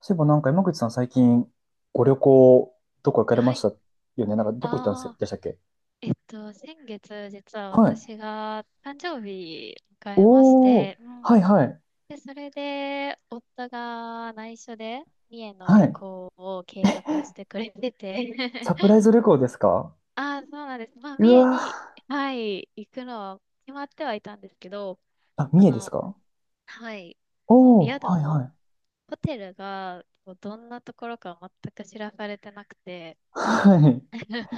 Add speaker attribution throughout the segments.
Speaker 1: そういえばなんか山口さん最近ご旅行どこ行かれま
Speaker 2: は
Speaker 1: した
Speaker 2: い。
Speaker 1: よね。なんかどこ行ったんです
Speaker 2: ああ、
Speaker 1: でしたっけ？
Speaker 2: 先月、実は
Speaker 1: はい。
Speaker 2: 私が誕生日迎えまし
Speaker 1: おー。
Speaker 2: て、う
Speaker 1: はい
Speaker 2: ん。
Speaker 1: はい。
Speaker 2: で、それで、夫が内緒で、三重の
Speaker 1: は
Speaker 2: 旅
Speaker 1: い。
Speaker 2: 行を計画してくれてて、
Speaker 1: サ プライズ旅行ですか？
Speaker 2: ああ、そうなんです。まあ、
Speaker 1: う
Speaker 2: 三重
Speaker 1: わ
Speaker 2: に、
Speaker 1: ー。
Speaker 2: はい、行くのは決まってはいたんですけど、
Speaker 1: あ、
Speaker 2: あ
Speaker 1: 三重です
Speaker 2: の、
Speaker 1: か？
Speaker 2: はい、
Speaker 1: おー。
Speaker 2: 宿を、
Speaker 1: はい
Speaker 2: ホテルが、どんなところか全く知らされてなくて、
Speaker 1: はい。はい。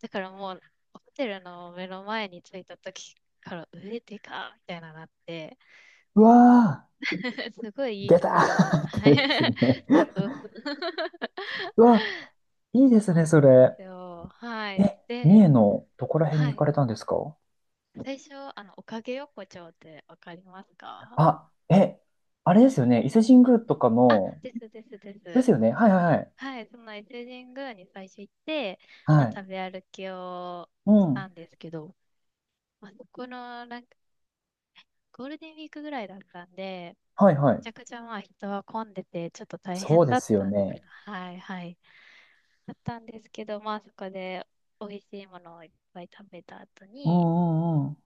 Speaker 2: だからもう、ホテルの目の前に着いた時から、上でかみたいななって、
Speaker 1: うわ
Speaker 2: すご
Speaker 1: ー。
Speaker 2: いいい
Speaker 1: 出
Speaker 2: と
Speaker 1: た
Speaker 2: ころ
Speaker 1: ー
Speaker 2: を、
Speaker 1: っ
Speaker 2: はい。
Speaker 1: てですね。
Speaker 2: そうそうそう。
Speaker 1: うわ、いいです
Speaker 2: そ
Speaker 1: ね、
Speaker 2: う
Speaker 1: そ
Speaker 2: なんで
Speaker 1: れ。
Speaker 2: すよ。はい。
Speaker 1: え、三重
Speaker 2: で、
Speaker 1: のどこら辺
Speaker 2: は
Speaker 1: に行
Speaker 2: い。
Speaker 1: かれたんですか？
Speaker 2: 最初、おかげ横丁ってわかりますか？
Speaker 1: あ、え、あれですよね。伊勢神宮とか
Speaker 2: あ、
Speaker 1: の、
Speaker 2: ですですで
Speaker 1: です
Speaker 2: す。
Speaker 1: よね。はいはいはい。
Speaker 2: はい。その伊勢神宮に最初行って、
Speaker 1: は
Speaker 2: まあ、
Speaker 1: い。
Speaker 2: 食べ歩きを
Speaker 1: う
Speaker 2: した
Speaker 1: ん。
Speaker 2: んですけど、まあ、そこの、なんか、ゴールデンウィークぐらいだったんで、
Speaker 1: はいは
Speaker 2: め
Speaker 1: い。
Speaker 2: ちゃくちゃまあ人は混んでてちょっと大
Speaker 1: そう
Speaker 2: 変
Speaker 1: で
Speaker 2: だっ
Speaker 1: すよ
Speaker 2: たんですけ
Speaker 1: ね。
Speaker 2: ど、はいはい。だったんですけど、まあそこで美味しいものをいっぱい食べた後
Speaker 1: う
Speaker 2: に、
Speaker 1: んうんうん。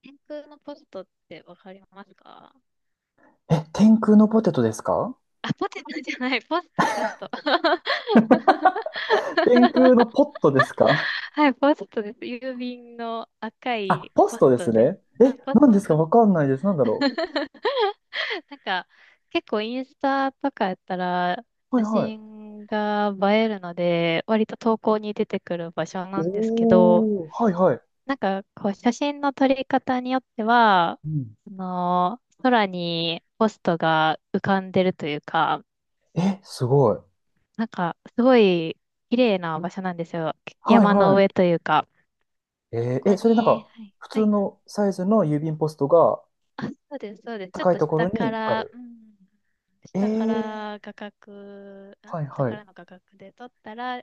Speaker 2: 天空のポストってわかりますか？
Speaker 1: え、天空のポテトですか？
Speaker 2: あ、ポテトじゃない、ポスト、ポスト。
Speaker 1: 天空 のポットですか？
Speaker 2: はい、ポストです。郵便の赤
Speaker 1: あ、
Speaker 2: い
Speaker 1: ポス
Speaker 2: ポ
Speaker 1: ト
Speaker 2: ス
Speaker 1: です
Speaker 2: トです。
Speaker 1: ね。
Speaker 2: あ、
Speaker 1: え、
Speaker 2: ポス
Speaker 1: 何
Speaker 2: ト、
Speaker 1: ですか
Speaker 2: ポスト。
Speaker 1: わかんないです。なんだろ
Speaker 2: なんか結構インスタとかやったら
Speaker 1: う。はい
Speaker 2: 写
Speaker 1: はい。
Speaker 2: 真が映えるので、割と投稿に出てくる場所なんですけど、
Speaker 1: おー、はいはい。
Speaker 2: なんか、こう、写真の撮り方によっては、
Speaker 1: うん。
Speaker 2: 空にポストが浮かんでるというか、
Speaker 1: え、すごい。
Speaker 2: なんか、すごい綺麗な場所なんですよ。
Speaker 1: はい
Speaker 2: 山の
Speaker 1: は
Speaker 2: 上というか。
Speaker 1: い。えー
Speaker 2: ここ
Speaker 1: え、それなん
Speaker 2: に、
Speaker 1: か、
Speaker 2: はい、
Speaker 1: 普
Speaker 2: は
Speaker 1: 通
Speaker 2: い。
Speaker 1: のサイズの郵便ポストが
Speaker 2: あ、そうです、そうです。ちょっ
Speaker 1: 高い
Speaker 2: と
Speaker 1: ところ
Speaker 2: 下か
Speaker 1: にあ
Speaker 2: ら、う
Speaker 1: る。
Speaker 2: ん、
Speaker 1: え
Speaker 2: 下か
Speaker 1: ー、
Speaker 2: ら画角、ん
Speaker 1: はい
Speaker 2: 下
Speaker 1: は
Speaker 2: か
Speaker 1: い。
Speaker 2: らの画角で撮ったら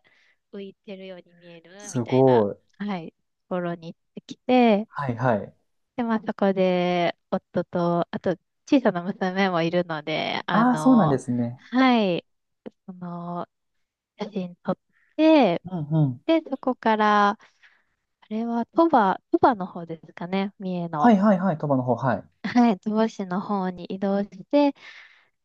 Speaker 2: 浮いてるように見える
Speaker 1: す
Speaker 2: みたいな、
Speaker 1: ごい。
Speaker 2: はい、ところに行ってきて、
Speaker 1: はいはい。
Speaker 2: で、まあそこで、夫と、あと、小さな娘もいるので、
Speaker 1: ああ、そうなんですね。
Speaker 2: はい、その、写真撮って、
Speaker 1: うんうん。
Speaker 2: で、そこから、あれは鳥羽の方ですかね、三重
Speaker 1: は
Speaker 2: の。
Speaker 1: いはいはい。鳥羽の方、はい。
Speaker 2: はい、鳥羽市の方に移動して、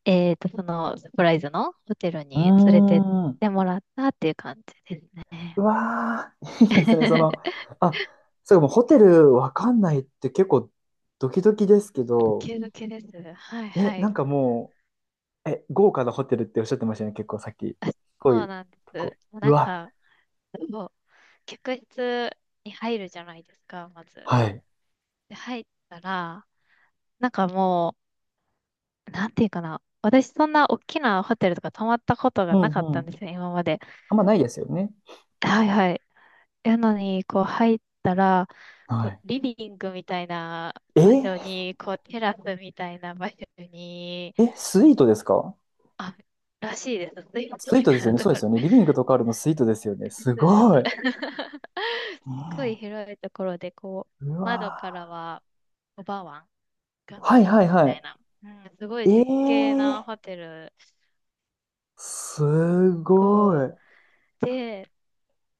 Speaker 2: サプライズのホテル
Speaker 1: うう
Speaker 2: に連れてっ
Speaker 1: ーん。
Speaker 2: てもらったっていう感じです
Speaker 1: う
Speaker 2: ね。
Speaker 1: わー、いいですね。その、あ、そうか、もうホテルわかんないって結構ドキドキですけ
Speaker 2: ド
Speaker 1: ど、
Speaker 2: キドキです。はい
Speaker 1: え、
Speaker 2: は
Speaker 1: なん
Speaker 2: い。
Speaker 1: かもう、え、豪華なホテルっておっしゃってましたよね、結構さっき。
Speaker 2: あ、
Speaker 1: 濃
Speaker 2: そう
Speaker 1: い
Speaker 2: なんで
Speaker 1: とこ。
Speaker 2: す。
Speaker 1: う
Speaker 2: なん
Speaker 1: わ、
Speaker 2: か、そう、客室に入るじゃないですか、まず。
Speaker 1: はい。
Speaker 2: で、入ったら、なんかもう、なんていうかな。私そんな大きなホテルとか泊まったこと
Speaker 1: う
Speaker 2: がな
Speaker 1: ん
Speaker 2: かっ
Speaker 1: う
Speaker 2: たん
Speaker 1: ん。
Speaker 2: ですよ、今まで。
Speaker 1: あんまないですよね。
Speaker 2: はいはい。やのに、こう入ったら、
Speaker 1: は
Speaker 2: こう
Speaker 1: い。
Speaker 2: リビングみたいな場所
Speaker 1: え、
Speaker 2: に、こうテラスみたいな場所に、
Speaker 1: え、スイートですか？
Speaker 2: あ、らしいです。スイート
Speaker 1: スイー
Speaker 2: み
Speaker 1: トです
Speaker 2: たい
Speaker 1: よ
Speaker 2: な
Speaker 1: ね。
Speaker 2: と
Speaker 1: そうで
Speaker 2: こ
Speaker 1: すよね。
Speaker 2: ろ。
Speaker 1: リビングとかあるのスイートですよね。
Speaker 2: で
Speaker 1: す
Speaker 2: すです。す
Speaker 1: ごい。ね
Speaker 2: っごい広いところで、こう、
Speaker 1: えう
Speaker 2: 窓
Speaker 1: わ
Speaker 2: からは、おばわん
Speaker 1: ー。
Speaker 2: が
Speaker 1: は
Speaker 2: 見
Speaker 1: い
Speaker 2: え
Speaker 1: はい
Speaker 2: るみた
Speaker 1: は
Speaker 2: いな、うん、すごい
Speaker 1: い。え
Speaker 2: 絶景な
Speaker 1: ー、
Speaker 2: ホテル
Speaker 1: すご
Speaker 2: こ
Speaker 1: い。
Speaker 2: うで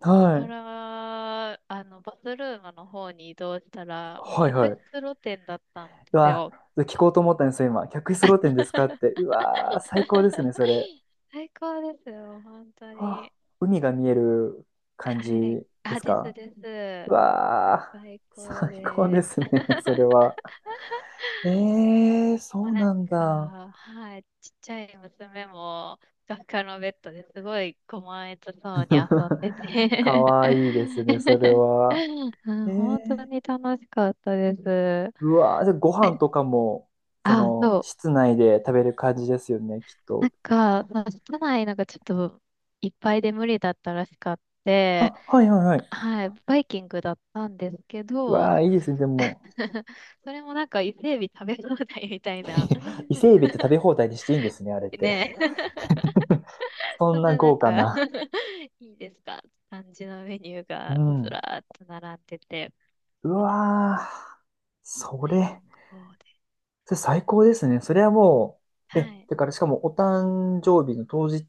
Speaker 1: は
Speaker 2: か
Speaker 1: い。
Speaker 2: ら、あの、バスルームの方に移動したらもう
Speaker 1: はい
Speaker 2: 客
Speaker 1: は
Speaker 2: 室
Speaker 1: い。
Speaker 2: 露天だったん
Speaker 1: う
Speaker 2: です
Speaker 1: わ、
Speaker 2: よ。
Speaker 1: 聞こうと思ったんですよ、今。客室露天ですかって。うわー、最高ですね、それ。
Speaker 2: 最高ですよ、本当
Speaker 1: うわ、
Speaker 2: に。
Speaker 1: 海が見える感
Speaker 2: は
Speaker 1: じ
Speaker 2: い。
Speaker 1: で
Speaker 2: あ、
Speaker 1: す
Speaker 2: です
Speaker 1: か？
Speaker 2: で
Speaker 1: う
Speaker 2: す。
Speaker 1: わ
Speaker 2: 最
Speaker 1: ー、
Speaker 2: 高
Speaker 1: 最高で
Speaker 2: で
Speaker 1: すね、それ は。えー、
Speaker 2: も
Speaker 1: そ
Speaker 2: う
Speaker 1: う
Speaker 2: なん
Speaker 1: なんだ。
Speaker 2: か、はい、ちっちゃい娘も、ふかふかのベッドですごい甘えとそうに遊んでて
Speaker 1: かわいいですね、それは。
Speaker 2: う
Speaker 1: え
Speaker 2: ん、本当
Speaker 1: ー、
Speaker 2: に楽しかったです。
Speaker 1: うわー、じゃあご飯とかも、そ
Speaker 2: あ、
Speaker 1: の、
Speaker 2: そう。
Speaker 1: 室内で食べる感じですよね、きっ
Speaker 2: な
Speaker 1: と。
Speaker 2: んか、その室内なんかちょっといっぱいで無理だったらしかって、
Speaker 1: あ、はいはいはい。
Speaker 2: はい、バイキングだったんですけ
Speaker 1: う
Speaker 2: ど、
Speaker 1: わー、いいですね、でも。
Speaker 2: それもなんか伊勢海老食べ放題みたいな。
Speaker 1: 伊勢海老って食べ 放題にしていいんですね、あれって。
Speaker 2: ねえ。
Speaker 1: そ
Speaker 2: そ
Speaker 1: ん
Speaker 2: ん
Speaker 1: な
Speaker 2: ななん
Speaker 1: 豪華
Speaker 2: か
Speaker 1: な。
Speaker 2: いいですか感じのメニュー
Speaker 1: う
Speaker 2: がず
Speaker 1: ん。
Speaker 2: らーっと並んでて、
Speaker 1: うわー。そ
Speaker 2: 最
Speaker 1: れ、
Speaker 2: 高です。
Speaker 1: それ最高ですね。それはもう、
Speaker 2: は
Speaker 1: え、
Speaker 2: い。
Speaker 1: だからしかもお誕生日の当日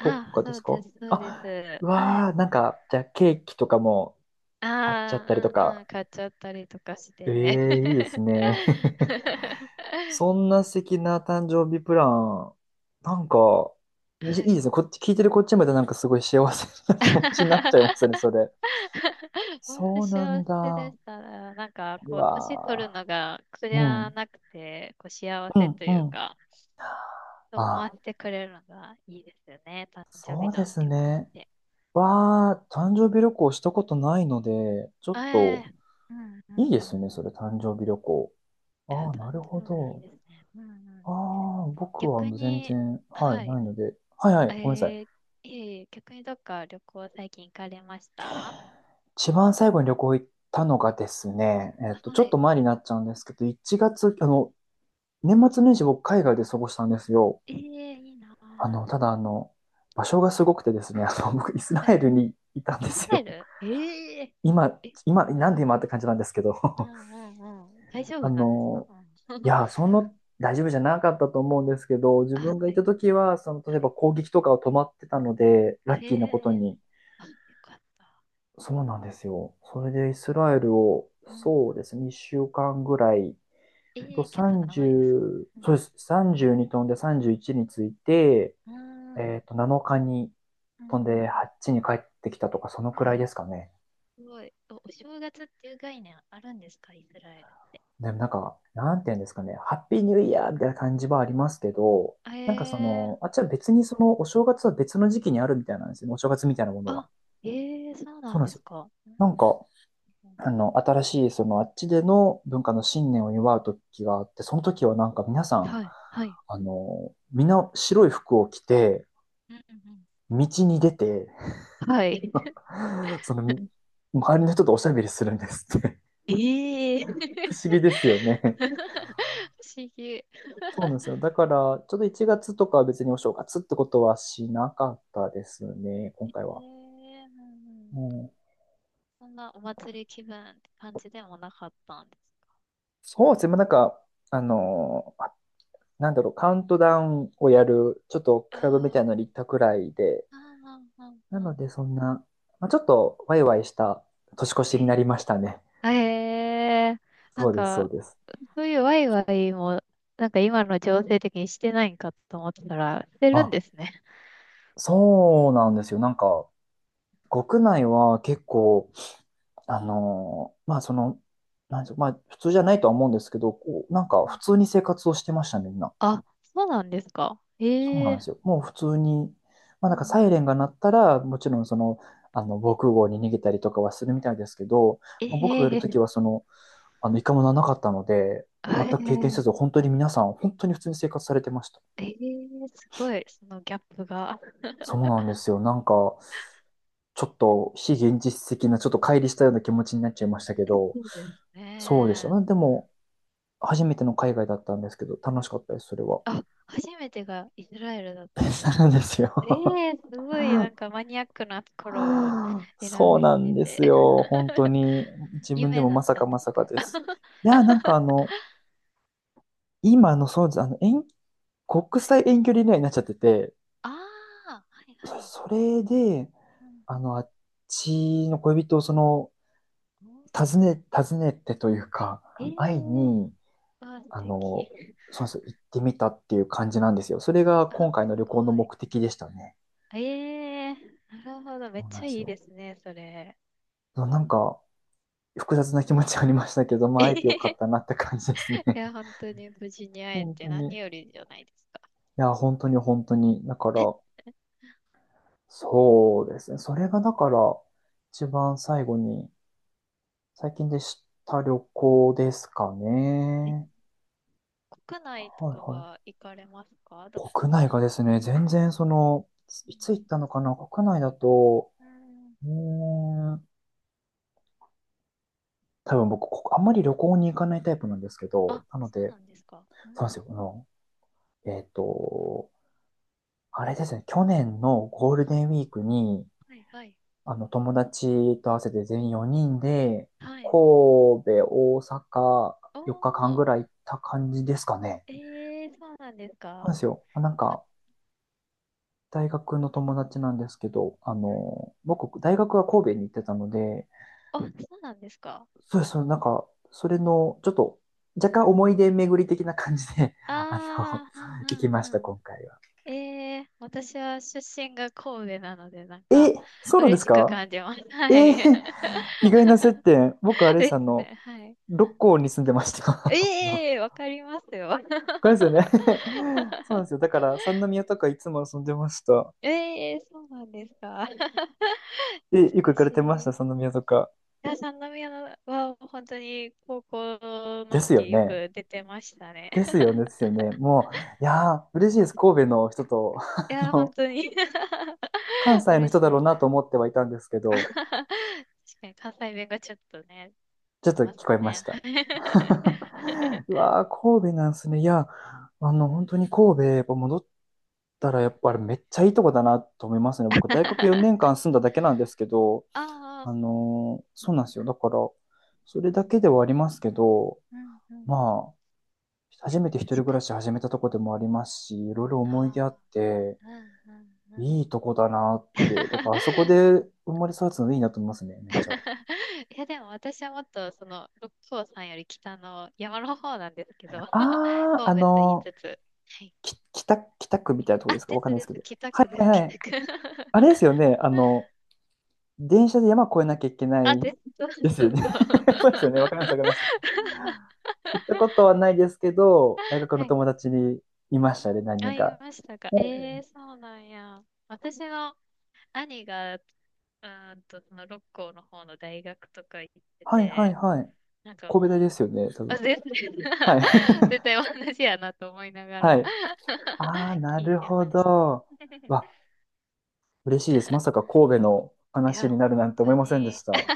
Speaker 1: と
Speaker 2: あ、
Speaker 1: かで
Speaker 2: そ
Speaker 1: す
Speaker 2: うで
Speaker 1: か？
Speaker 2: す、そうで
Speaker 1: あ、
Speaker 2: す。
Speaker 1: う
Speaker 2: は
Speaker 1: わ
Speaker 2: い。
Speaker 1: ー、なんか、じゃあケーキとかもあっちゃっ
Speaker 2: あ
Speaker 1: たりと
Speaker 2: あ、うん
Speaker 1: か。
Speaker 2: うん、買っちゃったりとかし
Speaker 1: え
Speaker 2: て。
Speaker 1: えー、いいですね。そんな素敵な誕生日プラン、なんか、いい
Speaker 2: は
Speaker 1: い
Speaker 2: い。
Speaker 1: ですね。こっち、聞いてるこっちまでなんかすごい幸せな気持ちになっちゃいますね、そ れ。
Speaker 2: 本当
Speaker 1: そうな
Speaker 2: 幸
Speaker 1: ん
Speaker 2: せで
Speaker 1: だ。
Speaker 2: したら、なんか
Speaker 1: う
Speaker 2: こう、年取る
Speaker 1: わ
Speaker 2: のが苦
Speaker 1: ー
Speaker 2: じ
Speaker 1: う
Speaker 2: ゃ
Speaker 1: ん。
Speaker 2: なくて、こう幸
Speaker 1: う
Speaker 2: せ
Speaker 1: ん、
Speaker 2: と
Speaker 1: う
Speaker 2: いう
Speaker 1: ん。
Speaker 2: か。泊ま
Speaker 1: あ、
Speaker 2: ってくれるのがいいですよね。誕生
Speaker 1: そ
Speaker 2: 日
Speaker 1: うで
Speaker 2: の
Speaker 1: す
Speaker 2: 旅行っ
Speaker 1: ね。
Speaker 2: て。
Speaker 1: わあ誕生日旅行したことないので、ちょ
Speaker 2: え
Speaker 1: っと、
Speaker 2: え、うんうんう
Speaker 1: いいです
Speaker 2: ん。
Speaker 1: ね、それ、誕生日旅行。
Speaker 2: いや、
Speaker 1: ああ、なる
Speaker 2: 誕
Speaker 1: ほ
Speaker 2: 生日いい
Speaker 1: ど。
Speaker 2: ですね。うんうん。
Speaker 1: ああ、僕は
Speaker 2: 逆
Speaker 1: 全
Speaker 2: に、
Speaker 1: 然、はい、
Speaker 2: はい。
Speaker 1: ないので。はいは
Speaker 2: え
Speaker 1: い、ごめんなさい。
Speaker 2: ー、ええ、逆にどっか旅行最近行かれました？
Speaker 1: 一番最後に旅行行ったのがですね、ちょ
Speaker 2: は
Speaker 1: っ
Speaker 2: い。
Speaker 1: と前になっちゃうんですけど、1月、年
Speaker 2: う
Speaker 1: 末
Speaker 2: ん、
Speaker 1: 年始僕海外で過ごしたんですよ。
Speaker 2: ええ、いいな
Speaker 1: あの、
Speaker 2: ぁ。
Speaker 1: ただあの、場所がすごくてですね、僕イスラ
Speaker 2: はい。
Speaker 1: エルにいたんで
Speaker 2: イス
Speaker 1: す
Speaker 2: ラエ
Speaker 1: よ。
Speaker 2: ル、ええ。
Speaker 1: 今、
Speaker 2: え、
Speaker 1: 今、なんで今って感じなんですけど、
Speaker 2: う んうんうん。大丈
Speaker 1: あ
Speaker 2: 夫なんですか？
Speaker 1: の、
Speaker 2: うん。
Speaker 1: い や、その大丈夫じゃなかったと思うんですけど、自
Speaker 2: あ、
Speaker 1: 分が
Speaker 2: は
Speaker 1: いた
Speaker 2: い。
Speaker 1: 時は、その、例え
Speaker 2: は
Speaker 1: ば
Speaker 2: い。
Speaker 1: 攻撃とかを止まってたので、ラッキーなこと
Speaker 2: ええ、
Speaker 1: に。
Speaker 2: あ、よかった。
Speaker 1: そうなんですよ。それでイスラエルを、
Speaker 2: うんう
Speaker 1: そう
Speaker 2: ん。
Speaker 1: ですね、1週間ぐらい、あ
Speaker 2: え
Speaker 1: と
Speaker 2: え、結構長いですね。
Speaker 1: 30、
Speaker 2: うん
Speaker 1: そうです、32飛んで31について、
Speaker 2: うん。うん
Speaker 1: 7日に
Speaker 2: う
Speaker 1: 飛んで
Speaker 2: ん。
Speaker 1: 8に帰ってきたとか、そのく
Speaker 2: あ、
Speaker 1: らいですかね。
Speaker 2: すごい。お正月っていう概念あるんですか、イスラエル？
Speaker 1: でもなんか、なんていうんですかね、ハッピーニューイヤーみたいな感じはありますけど、
Speaker 2: え
Speaker 1: なんかそ
Speaker 2: ー、
Speaker 1: の、あっちは別にそのお正月は別の時期にあるみたいなんですよね、お正月みたいなものは。
Speaker 2: あ、えそうな
Speaker 1: そう
Speaker 2: ん
Speaker 1: なん
Speaker 2: で
Speaker 1: です
Speaker 2: す
Speaker 1: よ。
Speaker 2: か。うん
Speaker 1: なんか、
Speaker 2: うん。
Speaker 1: 新しいそのあっちでの文化の信念を祝う時があって、その時はなんか皆さん、
Speaker 2: はい、はい、
Speaker 1: みんな白い服を着て、
Speaker 2: うんう
Speaker 1: 道に出て、
Speaker 2: ん、はうん。い。
Speaker 1: その、周りの人とおしゃべりするんですって。
Speaker 2: ええ。
Speaker 1: 不 思議ですよね。
Speaker 2: 不思議。
Speaker 1: そうなんですよ。だから、ちょっと1月とかは別にお正月ってことはしなかったですね、今回
Speaker 2: うん
Speaker 1: は。
Speaker 2: うん。
Speaker 1: うん、
Speaker 2: そんなお祭り気分って感じでもなかったんですか？
Speaker 1: そうですね、まあなんか、あのーあなんだろう、カウントダウンをやる、ちょっとクラブみた
Speaker 2: あ
Speaker 1: いなのに行ったくらいで、
Speaker 2: あ、ああああ
Speaker 1: な
Speaker 2: あ
Speaker 1: の
Speaker 2: あ、
Speaker 1: でそんな、まあ、ちょっとワイワイした年越しになりましたね。
Speaker 2: ええー、な
Speaker 1: そ
Speaker 2: ん
Speaker 1: うです、そう
Speaker 2: か、
Speaker 1: です。
Speaker 2: そういうワイワイも、なんか今の情勢的にしてないんかと思ったら、してるん
Speaker 1: あ、
Speaker 2: ですね。
Speaker 1: そうなんですよ。なんか、国内は結構あのまあその、なんでしょう、まあ普通じゃないとは思うんですけど、こう、なん
Speaker 2: う
Speaker 1: か普
Speaker 2: ん、
Speaker 1: 通に生活をしてましたね、みんな。
Speaker 2: あ、そうなんですか。
Speaker 1: そうな
Speaker 2: え
Speaker 1: ん
Speaker 2: え、
Speaker 1: ですよ。もう普通に、まあ
Speaker 2: うん
Speaker 1: なんかサ
Speaker 2: う
Speaker 1: イ
Speaker 2: ん、
Speaker 1: レンが鳴ったら、もちろんその、防空壕に逃げたりとかはするみたいですけど、まあ僕がいる
Speaker 2: え
Speaker 1: とき
Speaker 2: え、
Speaker 1: はその、一回もならなかったので、
Speaker 2: あ、
Speaker 1: 全く経験せ
Speaker 2: え
Speaker 1: ず、本当に皆さん、本当に普通に生活されてました。
Speaker 2: えええ、すごい、そのギャップが。
Speaker 1: そうなんですよ。なんか、ちょっと非現実的な、ちょっと乖離したような気持ちになっちゃいましたけど、
Speaker 2: そうです
Speaker 1: そうでした
Speaker 2: ね。
Speaker 1: ね。でも、初めての海外だったんですけど、楽しかったです、それは。
Speaker 2: あ、初めてがイスラエルだったんです か？
Speaker 1: なんです
Speaker 2: え
Speaker 1: よ。
Speaker 2: え、すごい、なんかマニアックなところを 選ん
Speaker 1: そうなん
Speaker 2: で
Speaker 1: で
Speaker 2: て。
Speaker 1: すよ。本当 に。自分で
Speaker 2: 夢
Speaker 1: も
Speaker 2: だ
Speaker 1: ま
Speaker 2: っ
Speaker 1: さ
Speaker 2: た
Speaker 1: か
Speaker 2: んで
Speaker 1: ま
Speaker 2: す
Speaker 1: さか
Speaker 2: か？
Speaker 1: です。いや、なんかあ の、今のそうです。国際遠距離恋愛になっちゃってて、
Speaker 2: ああ、はいは
Speaker 1: そ
Speaker 2: い。
Speaker 1: それで、
Speaker 2: うんうん、
Speaker 1: あっちの恋人をその、訪ねてというか、
Speaker 2: ええー、
Speaker 1: 会い
Speaker 2: わ
Speaker 1: に、
Speaker 2: あ、素
Speaker 1: あ
Speaker 2: 敵。
Speaker 1: の、そうです行ってみたっていう感じなんですよ。それが
Speaker 2: あ、
Speaker 1: 今
Speaker 2: す
Speaker 1: 回の旅行の
Speaker 2: ごい。
Speaker 1: 目的でしたね。
Speaker 2: ええー、なるほど。めっ
Speaker 1: そうなん
Speaker 2: ちゃ
Speaker 1: です
Speaker 2: いい
Speaker 1: よ。
Speaker 2: ですね、それ。
Speaker 1: なんか、複雑な気持ちありましたけど、まあ、
Speaker 2: え
Speaker 1: 会えてよ
Speaker 2: へ
Speaker 1: かっ
Speaker 2: へ、
Speaker 1: たなって感じですね。
Speaker 2: いや、本当に無事に会え
Speaker 1: 本当
Speaker 2: て
Speaker 1: に。
Speaker 2: 何
Speaker 1: い
Speaker 2: よりじゃないですか。
Speaker 1: や、本当に本当に。だから、そうですね。それがだから、一番最後に、最近でした旅行ですか
Speaker 2: え、
Speaker 1: ね。
Speaker 2: 国内と
Speaker 1: はい
Speaker 2: か
Speaker 1: はい。
Speaker 2: は行かれますか、どこ
Speaker 1: 国内
Speaker 2: か？
Speaker 1: がですね、全然その、
Speaker 2: う
Speaker 1: いつ行った
Speaker 2: ん
Speaker 1: のかな国内だと、
Speaker 2: うん、
Speaker 1: うーん、多分僕、こあんまり旅行に行かないタイプなんですけど、なので、そうなんですよ。えっと、あれですね、去年のゴールデンウィークに、友達と合わせて全員4人で、神戸、大阪、4日間ぐらい行った感じですかね。そうですよ。なんか、大学の友達なんですけど、僕、大学は神戸に行ってたので、
Speaker 2: あ、そうなんですか。うん、はいはいはいはい、おー、えー、そうなんですか、ああ、そうなんですか。
Speaker 1: そうです、そうですなんか、それの、ちょっと、若干思い出巡り的な感じで、あの、
Speaker 2: ああ、うん
Speaker 1: 行きました、
Speaker 2: うんうん。
Speaker 1: 今回は。
Speaker 2: ええ、私は出身が神戸なので、なん
Speaker 1: え、
Speaker 2: か、
Speaker 1: そうなんで
Speaker 2: 嬉
Speaker 1: す
Speaker 2: しく
Speaker 1: か？
Speaker 2: 感じます。
Speaker 1: え
Speaker 2: はい。
Speaker 1: ー意外な接点。僕、あ れ
Speaker 2: で
Speaker 1: さん
Speaker 2: す
Speaker 1: の、
Speaker 2: ね。はい。
Speaker 1: 六甲に住んでました。
Speaker 2: ええ、わかりますよ。
Speaker 1: これですよね そうなんですよ。だから、三宮とかいつも遊んでました。
Speaker 2: ええ、そうなんですか。
Speaker 1: え、
Speaker 2: 懐
Speaker 1: よく行
Speaker 2: か
Speaker 1: かれ
Speaker 2: し
Speaker 1: てまし
Speaker 2: い。い
Speaker 1: た、三宮とか？
Speaker 2: や、三宮は本当に高校の
Speaker 1: ですよ
Speaker 2: 時よ
Speaker 1: ね。
Speaker 2: く出てましたね。
Speaker 1: です よね、ですよね。もう、いやー、嬉しいです。神戸の人と、
Speaker 2: い
Speaker 1: あ
Speaker 2: や、本
Speaker 1: の、
Speaker 2: 当に
Speaker 1: 関 西の
Speaker 2: 嬉
Speaker 1: 人
Speaker 2: し
Speaker 1: だろうな
Speaker 2: い。
Speaker 1: と思ってはいたんですけ ど、
Speaker 2: 確かに関西弁がちょっとね、
Speaker 1: ちょっ
Speaker 2: 出
Speaker 1: と
Speaker 2: ます
Speaker 1: 聞こえまし
Speaker 2: ね。
Speaker 1: た。うわー、神戸なんですね。いや、本当に神戸、やっぱ戻ったら、やっぱりめっちゃいいとこだなと思いますね。僕、大学4 年間住んだだけなんですけど、
Speaker 2: ああ、そうなんですね。
Speaker 1: そうなんですよ。だから、そ
Speaker 2: う
Speaker 1: れだけ
Speaker 2: ん、
Speaker 1: ではありますけど、
Speaker 2: うん、うん。
Speaker 1: まあ、初めて一
Speaker 2: 確
Speaker 1: 人暮
Speaker 2: かに。
Speaker 1: らし始めたとこでもありますし、いろいろ思い出あっ
Speaker 2: あ
Speaker 1: て、
Speaker 2: あ、うん、うん、うん。
Speaker 1: いいとこだなって、だからあそこ で生まれ育つのでいいなと思いますね、めっちゃ。
Speaker 2: いや、でも私はもっと、六甲山より北の山の方なんですけど、
Speaker 1: あああ
Speaker 2: 神戸と言い
Speaker 1: の
Speaker 2: つつ。はい。
Speaker 1: き北、北区みたいなとこで
Speaker 2: あ、
Speaker 1: すか？
Speaker 2: で
Speaker 1: わかん
Speaker 2: す
Speaker 1: ないです
Speaker 2: で
Speaker 1: け
Speaker 2: す。
Speaker 1: ど。
Speaker 2: 北
Speaker 1: は
Speaker 2: 区で
Speaker 1: い
Speaker 2: す、
Speaker 1: はいはい。
Speaker 2: 北区。
Speaker 1: あれですよね、電車で山越えなきゃいけな
Speaker 2: あ、
Speaker 1: い
Speaker 2: です。そう
Speaker 1: です
Speaker 2: そ
Speaker 1: よ
Speaker 2: う
Speaker 1: ね。
Speaker 2: そう。
Speaker 1: そうですよね。わかります、わかります。行ったことはないですけど、大学
Speaker 2: は
Speaker 1: の
Speaker 2: い。う
Speaker 1: 友
Speaker 2: ん、
Speaker 1: 達にいましたね、何
Speaker 2: あ、
Speaker 1: 人
Speaker 2: 言い
Speaker 1: か。
Speaker 2: ましたか。ええ
Speaker 1: お
Speaker 2: ー、そうなんや。私の兄が、その六甲の方の大学とか行って
Speaker 1: はいはい
Speaker 2: て、
Speaker 1: はい。
Speaker 2: なんか
Speaker 1: 神戸大
Speaker 2: も
Speaker 1: で
Speaker 2: う、
Speaker 1: すよね、多
Speaker 2: あ、
Speaker 1: 分。
Speaker 2: 全然
Speaker 1: はい。
Speaker 2: 絶対同じやなと思いなが
Speaker 1: は
Speaker 2: ら
Speaker 1: い。ああ、な
Speaker 2: 聞い
Speaker 1: る
Speaker 2: て
Speaker 1: ほ
Speaker 2: ました。
Speaker 1: ど。わ、嬉しいです。まさか神戸の
Speaker 2: い
Speaker 1: 話
Speaker 2: や、
Speaker 1: になる
Speaker 2: 本
Speaker 1: なんて思
Speaker 2: 当
Speaker 1: いませんでし
Speaker 2: に、
Speaker 1: た。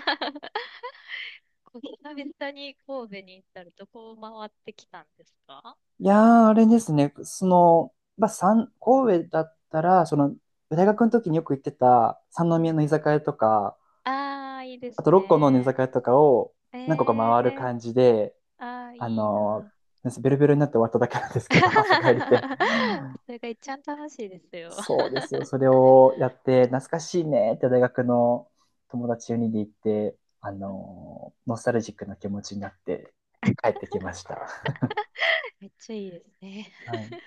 Speaker 2: こう久々に神戸に行ったらどこを回ってきたんですか？
Speaker 1: いやー、あれですね。その、まあ、三神戸だったら、その、
Speaker 2: うん
Speaker 1: 大学
Speaker 2: う
Speaker 1: の
Speaker 2: ん
Speaker 1: 時によく行ってた三
Speaker 2: う
Speaker 1: 宮
Speaker 2: ん、
Speaker 1: の居酒屋とか、
Speaker 2: ああ、いいで
Speaker 1: あ
Speaker 2: す
Speaker 1: と6個の寝
Speaker 2: ね。
Speaker 1: 酒屋とかを
Speaker 2: え
Speaker 1: 何個か
Speaker 2: え
Speaker 1: 回る
Speaker 2: ー、
Speaker 1: 感じで、
Speaker 2: ああ、
Speaker 1: あ
Speaker 2: いい
Speaker 1: の、
Speaker 2: な。
Speaker 1: ベロベロになって終わっただけなんです けど、朝帰りで。
Speaker 2: それが一番楽しいですよ。
Speaker 1: そうですよ。それをやって、懐かしいねって大学の友達よにんで行って、
Speaker 2: うん、
Speaker 1: ノスタルジックな気持ちになって帰ってきました。
Speaker 2: めっちゃいいですね。
Speaker 1: はい。